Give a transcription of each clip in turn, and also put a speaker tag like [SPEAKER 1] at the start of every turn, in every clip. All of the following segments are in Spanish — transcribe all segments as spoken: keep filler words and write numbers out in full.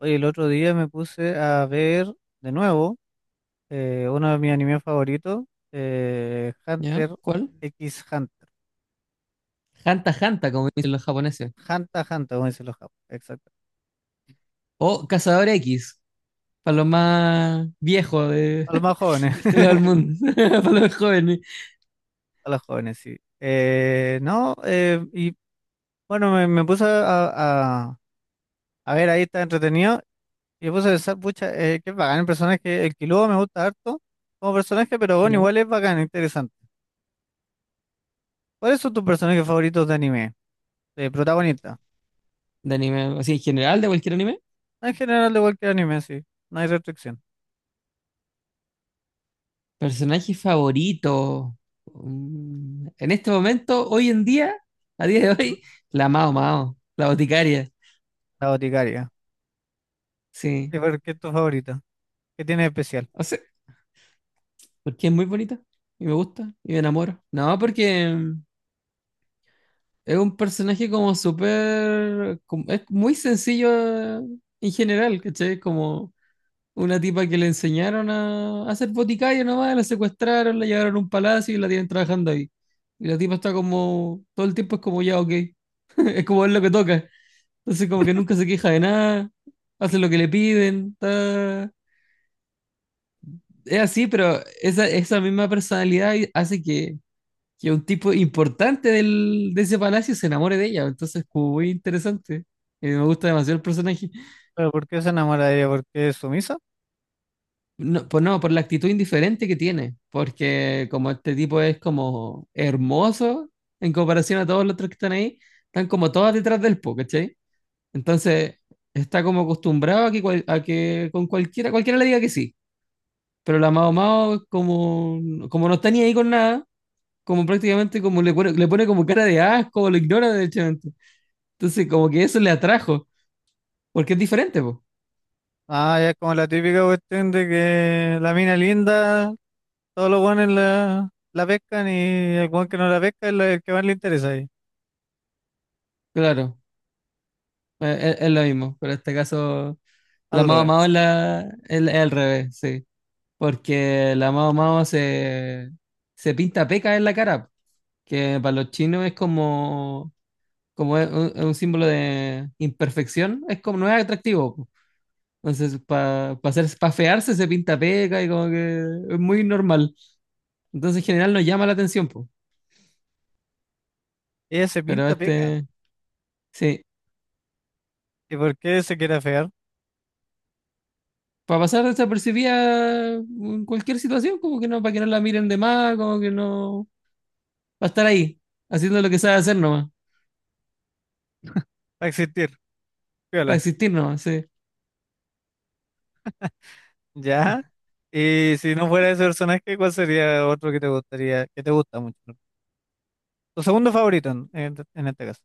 [SPEAKER 1] Oye, el otro día me puse a ver de nuevo eh, uno de mis animes favoritos, eh,
[SPEAKER 2] ¿Ya?
[SPEAKER 1] Hunter
[SPEAKER 2] ¿Cuál?
[SPEAKER 1] X Hunter.
[SPEAKER 2] Hanta Hanta, como dicen los japoneses.
[SPEAKER 1] Hunter x Hunter, como dicen los japoneses. Exacto.
[SPEAKER 2] O Cazador X, para los más viejos de,
[SPEAKER 1] A los más jóvenes,
[SPEAKER 2] de este lado del mundo, para los más jóvenes.
[SPEAKER 1] a los jóvenes, sí. Eh, no, eh, y bueno, me, me puse a, a- a ver ahí, está entretenido. Y me puse a pensar, pucha, eh, qué bacán el personaje. El Killua me gusta harto como personaje, pero bueno,
[SPEAKER 2] ¿Ya?
[SPEAKER 1] igual es bacán, interesante. ¿Cuáles son tus personajes favoritos de anime? De protagonista.
[SPEAKER 2] De anime, así en general, de cualquier anime.
[SPEAKER 1] En general, de cualquier anime, sí. No hay restricción.
[SPEAKER 2] Personaje favorito. Mm, En este momento, hoy en día, a día de hoy, la Mao Mao, la boticaria.
[SPEAKER 1] La boticaria.
[SPEAKER 2] Sí.
[SPEAKER 1] ¿Y por qué es tu favorita? ¿Qué tiene de especial?
[SPEAKER 2] O sea, porque es muy bonita y me gusta y me enamoro. No, porque es un personaje como súper... como- Es muy sencillo eh, en general, ¿cachai? Como una tipa que le enseñaron a, a ser boticario nomás, la secuestraron, la llevaron a un palacio y la tienen trabajando ahí. Y la tipa está como... Todo el tiempo es como ya, ok. Es como es lo que toca. Entonces como que nunca se queja de nada, hace lo que le piden. está- Es así, pero esa, esa misma personalidad hace que que un tipo importante del, de ese palacio se enamore de ella. Entonces, como muy interesante. Eh, me gusta demasiado el personaje.
[SPEAKER 1] ¿Pero por qué se enamora de ella? ¿Por qué es sumisa?
[SPEAKER 2] No, pues no, por la actitud indiferente que tiene. Porque como este tipo es como hermoso en comparación a todos los otros que están ahí, están como todas detrás del po, ¿cachai? Entonces, está como acostumbrado a que, cual- a que con cualquiera, cualquiera le diga que sí. Pero la Mao Mao, como, como no está ni ahí con nada, como prácticamente como le pone, le pone como cara de asco, lo ignora derechamente. Entonces, como que eso le atrajo, porque es diferente, pues.
[SPEAKER 1] Ah, ya es como la típica cuestión de que la mina linda, todos los buenos la, la pescan y el buen que no la pesca es la- el que más le interesa ahí.
[SPEAKER 2] Claro, eh, es, es lo mismo, pero en este caso, la
[SPEAKER 1] Al
[SPEAKER 2] Mao
[SPEAKER 1] revés.
[SPEAKER 2] Mao es, la, es- es al revés, sí. Porque la Mao Mao se, se pinta peca en la cara, que para los chinos es como, como es un, es un símbolo de imperfección, es como no es atractivo, po. Entonces, para hacer, para fearse se pinta peca y como que es muy normal. Entonces, en general, nos llama la atención, po.
[SPEAKER 1] Ella se
[SPEAKER 2] Pero
[SPEAKER 1] pinta peca.
[SPEAKER 2] este, sí.
[SPEAKER 1] ¿Y por qué se quiere afear?
[SPEAKER 2] Para pasar desapercibida en cualquier situación, como que no, para que no la miren de más, como que no, para estar ahí, haciendo lo que sabe hacer nomás,
[SPEAKER 1] Para existir.
[SPEAKER 2] para
[SPEAKER 1] Piola.
[SPEAKER 2] existir nomás, sí.
[SPEAKER 1] ¿Ya? Y si no fuera ese personaje, ¿cuál sería otro que te gustaría, que te gusta mucho? Tu segundo favorito en, en en este caso.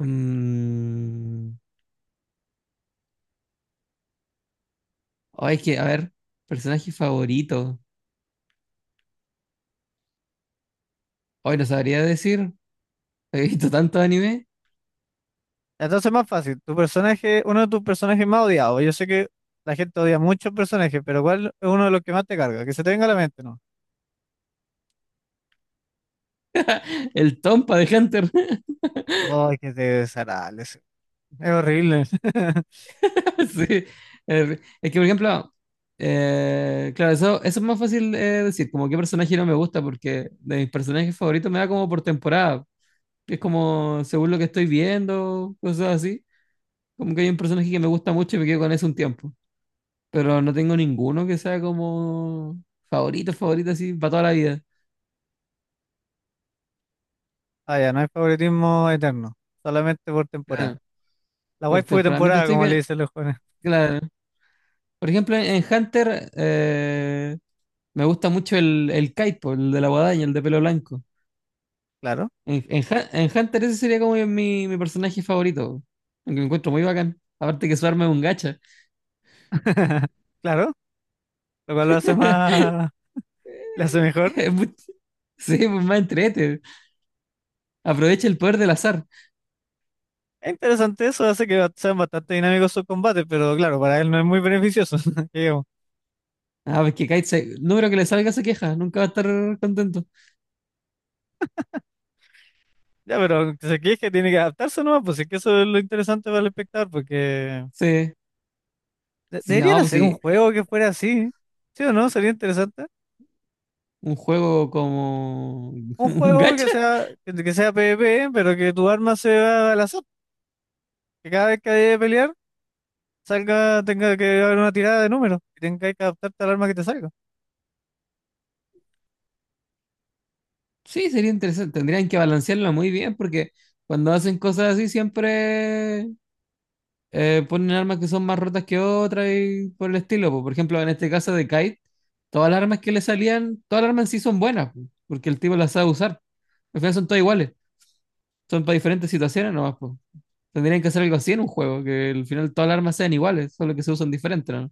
[SPEAKER 2] Mm, oh, es que, a ver, personaje favorito. Hoy no sabría decir, he visto tantos anime.
[SPEAKER 1] Entonces más fácil, tu personaje, uno de tus personajes más odiados. Yo sé que la gente odia muchos personajes, pero ¿cuál es uno de los que más te carga? Que se te venga a la mente, ¿no?
[SPEAKER 2] El Tompa de Hunter.
[SPEAKER 1] Ay, que desagradable ese. Es horrible.
[SPEAKER 2] Sí. Eh, es que, por ejemplo, eh, claro, eso, eso es más fácil eh, decir, como qué personaje no me gusta, porque de mis personajes favoritos me da como por temporada. Es como, según lo que estoy viendo, cosas así. Como que hay un personaje que me gusta mucho y me quedo con ese un tiempo. Pero no tengo ninguno que sea como favorito, favorito así para toda la vida.
[SPEAKER 1] Ah, ya, no hay favoritismo eterno, solamente por temporada.
[SPEAKER 2] Claro,
[SPEAKER 1] La
[SPEAKER 2] por
[SPEAKER 1] waifu de
[SPEAKER 2] temperamento
[SPEAKER 1] temporada,
[SPEAKER 2] estoy
[SPEAKER 1] como le
[SPEAKER 2] bien.
[SPEAKER 1] dicen los jóvenes.
[SPEAKER 2] Claro. Por ejemplo, en Hunter eh, me gusta mucho el, el Kite, po, el de la guadaña, el de pelo blanco.
[SPEAKER 1] Claro,
[SPEAKER 2] En, en Hu- en Hunter ese sería como mi, mi personaje favorito. Aunque lo encuentro muy bacán. Aparte que su arma es un gacha.
[SPEAKER 1] claro, lo cual lo hace más, le hace mejor.
[SPEAKER 2] Es muy- Sí, pues más entrete. Aprovecha el poder del azar.
[SPEAKER 1] Es interesante eso, hace que sean bastante dinámicos sus combates, pero claro, para él no es muy beneficioso, que digamos.
[SPEAKER 2] Ah, pues que Kite, se- no creo que le salga esa queja, nunca va a estar contento.
[SPEAKER 1] Ya, pero si es que se que tiene que adaptarse nomás, pues si es que eso es lo interesante para el espectador, porque
[SPEAKER 2] Sí,
[SPEAKER 1] de-
[SPEAKER 2] sí,
[SPEAKER 1] deberían
[SPEAKER 2] no, pues
[SPEAKER 1] hacer un
[SPEAKER 2] sí,
[SPEAKER 1] juego que fuera así, ¿sí o no? Sería interesante.
[SPEAKER 2] un juego como
[SPEAKER 1] Un
[SPEAKER 2] un
[SPEAKER 1] juego que
[SPEAKER 2] gacha,
[SPEAKER 1] sea, que, que sea PvP, pero que tu arma sea al azar, que cada vez que haya que pelear, salga, tenga que haber una tirada de números, y tenga que adaptarte al arma que te salga.
[SPEAKER 2] sí, sería interesante. Tendrían que balancearlo muy bien porque cuando hacen cosas así siempre eh, ponen armas que son más rotas que otras y por el estilo. Po. Por ejemplo, en este caso de Kite, todas las armas que le salían, todas las armas en sí son buenas, po, porque el tipo las sabe usar. Al final son todas iguales, son para diferentes situaciones nomás, pues. Tendrían que hacer algo así en un juego, que al final todas las armas sean iguales, solo que se usan diferentes, ¿no?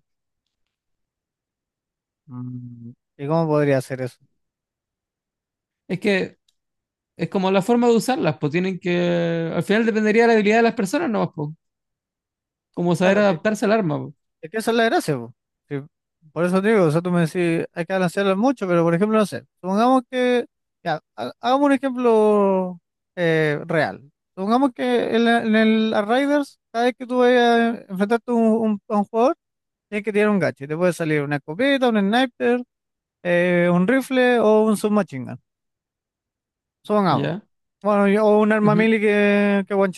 [SPEAKER 1] Mm, ¿y cómo podría hacer eso?
[SPEAKER 2] Es que es como la forma de usarlas, pues tienen que. Al final dependería de la habilidad de las personas, ¿no? Pues, como saber adaptarse al arma, pues,
[SPEAKER 1] Es que esa es la gracia, po. Sí. Por eso te digo, o sea, tú me decís, hay que balancearlo mucho, pero por ejemplo, no sé, supongamos que, ya, ha- hagamos un ejemplo eh, real. Supongamos que en, la- en el Arrivals, cada vez que tú vayas a enfrentarte a un, un- a un jugador, tienes que tirar un gacho. Y te puede salir una escopeta, un sniper, eh, un rifle o un submachine gun. Supongamos.
[SPEAKER 2] ¿ya?
[SPEAKER 1] Bueno, y- o un arma
[SPEAKER 2] Ujú.
[SPEAKER 1] melee que, que one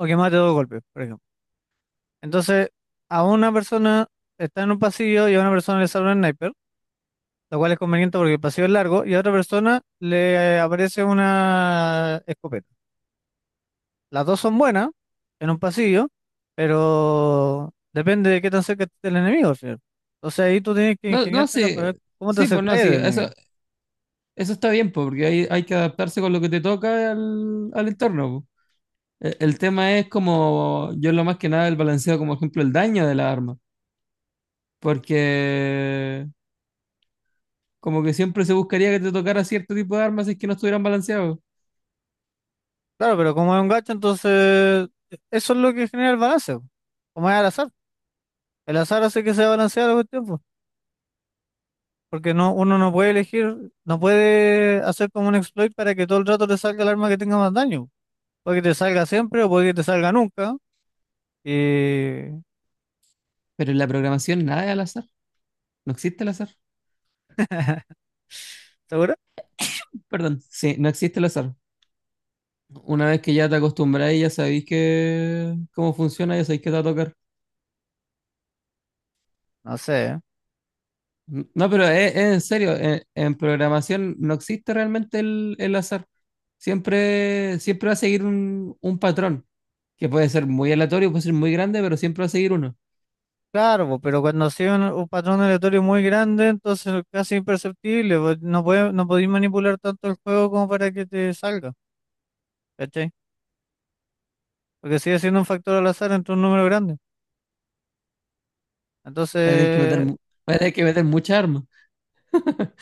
[SPEAKER 1] o que mate dos golpes, por ejemplo. Entonces, a una persona está en un pasillo y a una persona le sale un sniper, lo cual es conveniente porque el pasillo es largo, y a otra persona le aparece una escopeta. Las dos son buenas en un pasillo, pero depende de qué tan cerca esté el enemigo, ¿sí? Entonces ahí tú tienes que
[SPEAKER 2] No, no,
[SPEAKER 1] ingeniártela para
[SPEAKER 2] sí.
[SPEAKER 1] ver cómo te
[SPEAKER 2] Sí, pues no,
[SPEAKER 1] acercáis
[SPEAKER 2] sí,
[SPEAKER 1] al
[SPEAKER 2] eso,
[SPEAKER 1] enemigo.
[SPEAKER 2] eso está bien, pues, porque hay, hay que adaptarse con lo que te toca al, al entorno. Pues. E- El tema es como, yo lo más que nada el balanceo, como ejemplo, el daño de la arma, porque como que siempre se buscaría que te tocara cierto tipo de armas si es que no estuvieran balanceados.
[SPEAKER 1] Claro, pero como es un gacho, entonces eso es lo que genera el balance, po, como es al azar. El azar hace que se balancea la cuestión, po, porque no, uno no puede elegir, no puede hacer como un exploit para que todo el rato te salga el arma que tenga más daño. Puede que te salga siempre o puede que te salga nunca. Y...
[SPEAKER 2] Pero en la programación nada es al azar. No existe el azar.
[SPEAKER 1] ¿Seguro?
[SPEAKER 2] Perdón. Sí, no existe el azar. Una vez que ya te acostumbráis, ya sabéis que cómo funciona, ya sabéis qué te va a tocar.
[SPEAKER 1] No sé.
[SPEAKER 2] No, pero es, es en serio, en, en programación no existe realmente el, el azar. Siempre, siempre va a seguir un, un patrón, que puede ser muy aleatorio, puede ser muy grande, pero siempre va a seguir uno.
[SPEAKER 1] Claro, po, pero cuando sigue un, un patrón aleatorio muy grande, entonces es casi imperceptible, po. No puede, no podéis manipular tanto el juego como para que te salga, ¿cachai? Porque sigue siendo un factor al azar entre un número grande.
[SPEAKER 2] Va a tener que meter,
[SPEAKER 1] Entonces,
[SPEAKER 2] mu- va a tener que meter mucha arma.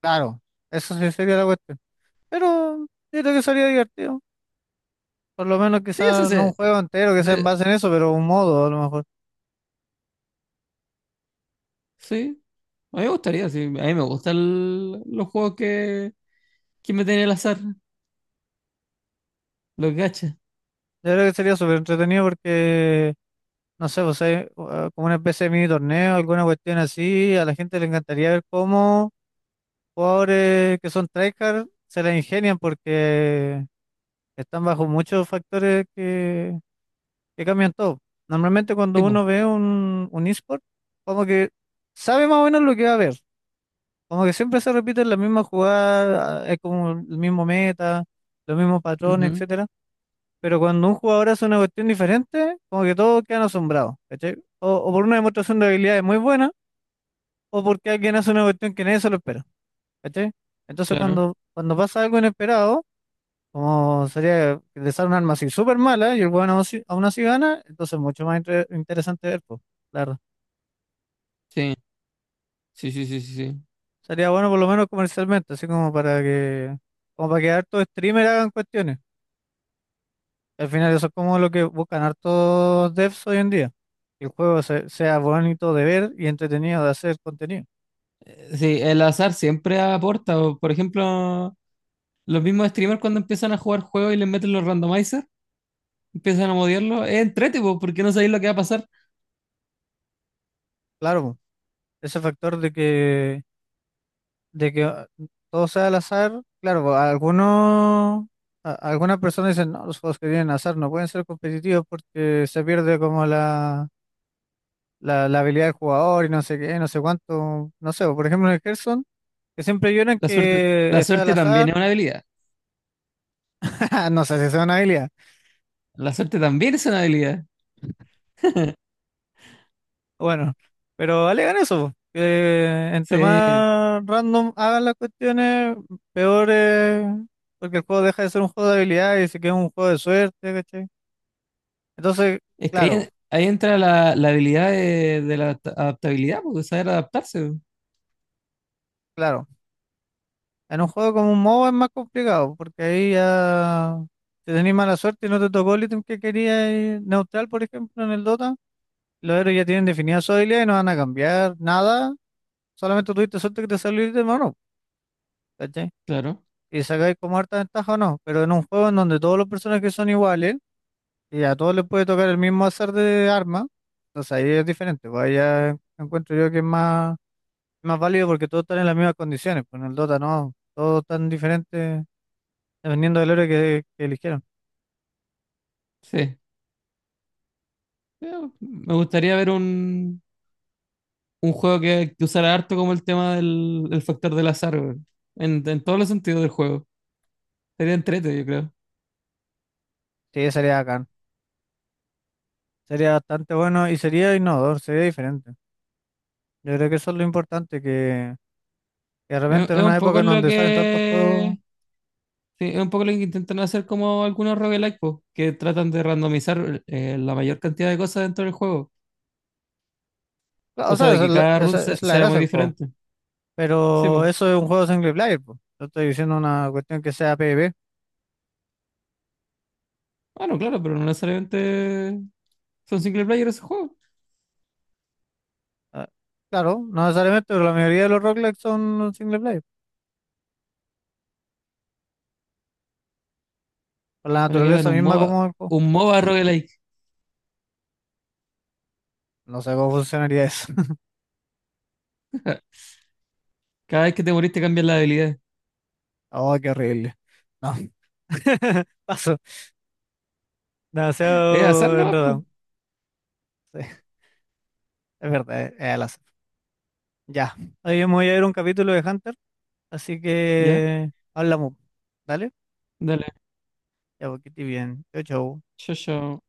[SPEAKER 1] claro, eso sí sería la cuestión. Pero yo creo que sería divertido. Por lo menos
[SPEAKER 2] Sí, eso
[SPEAKER 1] quizás no
[SPEAKER 2] se,
[SPEAKER 1] un juego entero que sea en
[SPEAKER 2] se-
[SPEAKER 1] base en eso, pero un modo a lo mejor.
[SPEAKER 2] sí, a mí me gustaría, sí. A mí me gustan el- los juegos que, que meten el azar. Los gachas,
[SPEAKER 1] Yo creo que sería súper entretenido porque no sé, pues hay, uh, como una especie de mini torneo, alguna cuestión así, a la gente le encantaría ver cómo jugadores que son tryhard se la ingenian porque están bajo muchos factores que, que cambian todo. Normalmente cuando
[SPEAKER 2] tipo.
[SPEAKER 1] uno ve un, un eSport, como que sabe más o menos lo que va a ver, como que siempre se repiten las mismas jugadas, ah, es como el mismo meta, los mismos patrones,
[SPEAKER 2] Ujú,
[SPEAKER 1] etcétera, pero cuando un jugador hace una cuestión diferente, como que todos quedan asombrados, ¿cachai? O, o por una demostración de habilidades muy buena, o porque alguien hace una cuestión que nadie se lo espera, ¿cachai? Entonces
[SPEAKER 2] claro.
[SPEAKER 1] cuando, cuando pasa algo inesperado, como sería que le sale un arma así súper mala y el weón aún así, aún así gana, entonces es mucho más inter- interesante ver, pues, claro.
[SPEAKER 2] Sí, sí, sí, sí, sí. Sí,
[SPEAKER 1] Sería bueno por lo menos comercialmente, así como para que, como para que hartos streamers hagan cuestiones. Al final eso es como lo que buscan hartos devs hoy en día, el juego se- sea bonito de ver y entretenido de hacer contenido.
[SPEAKER 2] sí, el azar siempre aporta. O, por ejemplo, los mismos streamers cuando empiezan a jugar juegos y les meten los randomizers, empiezan a modiarlo. Es entrete, po, porque no sabéis lo que va a pasar.
[SPEAKER 1] Claro, po, ese factor de que, de que ah, todo sea al azar, claro, po, algunos, a- algunas personas dicen, no, los juegos que tienen azar no pueden ser competitivos porque se pierde como la, la, la habilidad del jugador y no sé qué, no sé cuánto, no sé, po, por ejemplo en el Hearthstone, que siempre lloran
[SPEAKER 2] La suerte, la
[SPEAKER 1] que está al
[SPEAKER 2] suerte también
[SPEAKER 1] azar,
[SPEAKER 2] es una habilidad.
[SPEAKER 1] no sé si es una habilidad.
[SPEAKER 2] La suerte también es una habilidad.
[SPEAKER 1] Bueno, pero alegan eso, po, que entre
[SPEAKER 2] Sí.
[SPEAKER 1] más random hagan las cuestiones, peor es, porque el juego deja de ser un juego de habilidad y se queda un juego de suerte, ¿cachai? Entonces,
[SPEAKER 2] Es que
[SPEAKER 1] claro,
[SPEAKER 2] ahí, ahí entra la, la habilidad de, de la adaptabilidad, porque saber adaptarse. Po.
[SPEAKER 1] claro, en un juego como un M O B A es más complicado, porque ahí ya, si tenés mala suerte y no te tocó el ítem que querías, y neutral, por ejemplo, en el Dota, los héroes ya tienen definida su habilidad y no van a cambiar nada, solamente tuviste suerte que te salió el ítem o no, ¿cachai?
[SPEAKER 2] Claro.
[SPEAKER 1] Y sacáis como harta ventaja o no, pero en un juego en donde todos los personajes son iguales y a todos les puede tocar el mismo azar de arma, entonces ahí es diferente, pues ahí ya encuentro yo que es más, más válido porque todos están en las mismas condiciones, pues en el Dota no, todos están diferentes dependiendo del héroe que, que eligieron.
[SPEAKER 2] Sí. Pero me gustaría ver un un juego que, que usara harto como el tema del, el factor del azar, weón. En, en todos los sentidos del juego. Sería entrete, yo creo.
[SPEAKER 1] Sí, sería acá, sería bastante bueno y sería innovador, sería diferente. Yo creo que eso es lo importante, que, que de
[SPEAKER 2] Es,
[SPEAKER 1] repente en
[SPEAKER 2] es
[SPEAKER 1] una
[SPEAKER 2] un
[SPEAKER 1] época
[SPEAKER 2] poco
[SPEAKER 1] en
[SPEAKER 2] lo
[SPEAKER 1] donde salen tantos juegos,
[SPEAKER 2] que. Sí, es un poco lo que intentan hacer como algunos roguelike, po, que tratan de randomizar eh, la mayor cantidad de cosas dentro del juego.
[SPEAKER 1] claro, o
[SPEAKER 2] Cosa
[SPEAKER 1] sea,
[SPEAKER 2] de
[SPEAKER 1] esa es
[SPEAKER 2] que
[SPEAKER 1] la,
[SPEAKER 2] cada run
[SPEAKER 1] esa
[SPEAKER 2] se-
[SPEAKER 1] es la
[SPEAKER 2] sea muy
[SPEAKER 1] gracia del juego.
[SPEAKER 2] diferente. Sí,
[SPEAKER 1] Pero
[SPEAKER 2] pues.
[SPEAKER 1] eso es un juego single player, po. Yo estoy diciendo una cuestión que sea PvP.
[SPEAKER 2] Bueno, claro, pero no necesariamente son single player esos juegos.
[SPEAKER 1] Ah, claro, no necesariamente, pero la mayoría de los rock son single player. Por la
[SPEAKER 2] Bueno, que hagan
[SPEAKER 1] naturaleza
[SPEAKER 2] un
[SPEAKER 1] misma
[SPEAKER 2] MOBA,
[SPEAKER 1] como el juego.
[SPEAKER 2] un MOBA roguelike.
[SPEAKER 1] No sé cómo funcionaría eso.
[SPEAKER 2] Cada vez que te moriste cambias la habilidad.
[SPEAKER 1] Oh, qué horrible. No. Paso.
[SPEAKER 2] Es azar
[SPEAKER 1] Demasiado
[SPEAKER 2] nomás, pues.
[SPEAKER 1] enredado. Sí, es verdad, es es al azar. Ya. Hoy yo me voy a ver un capítulo de Hunter, así
[SPEAKER 2] Ya,
[SPEAKER 1] que hablamos. ¿Dale?
[SPEAKER 2] dale.
[SPEAKER 1] Ya, porque estoy bien. Chau, chau.
[SPEAKER 2] Chao, chao.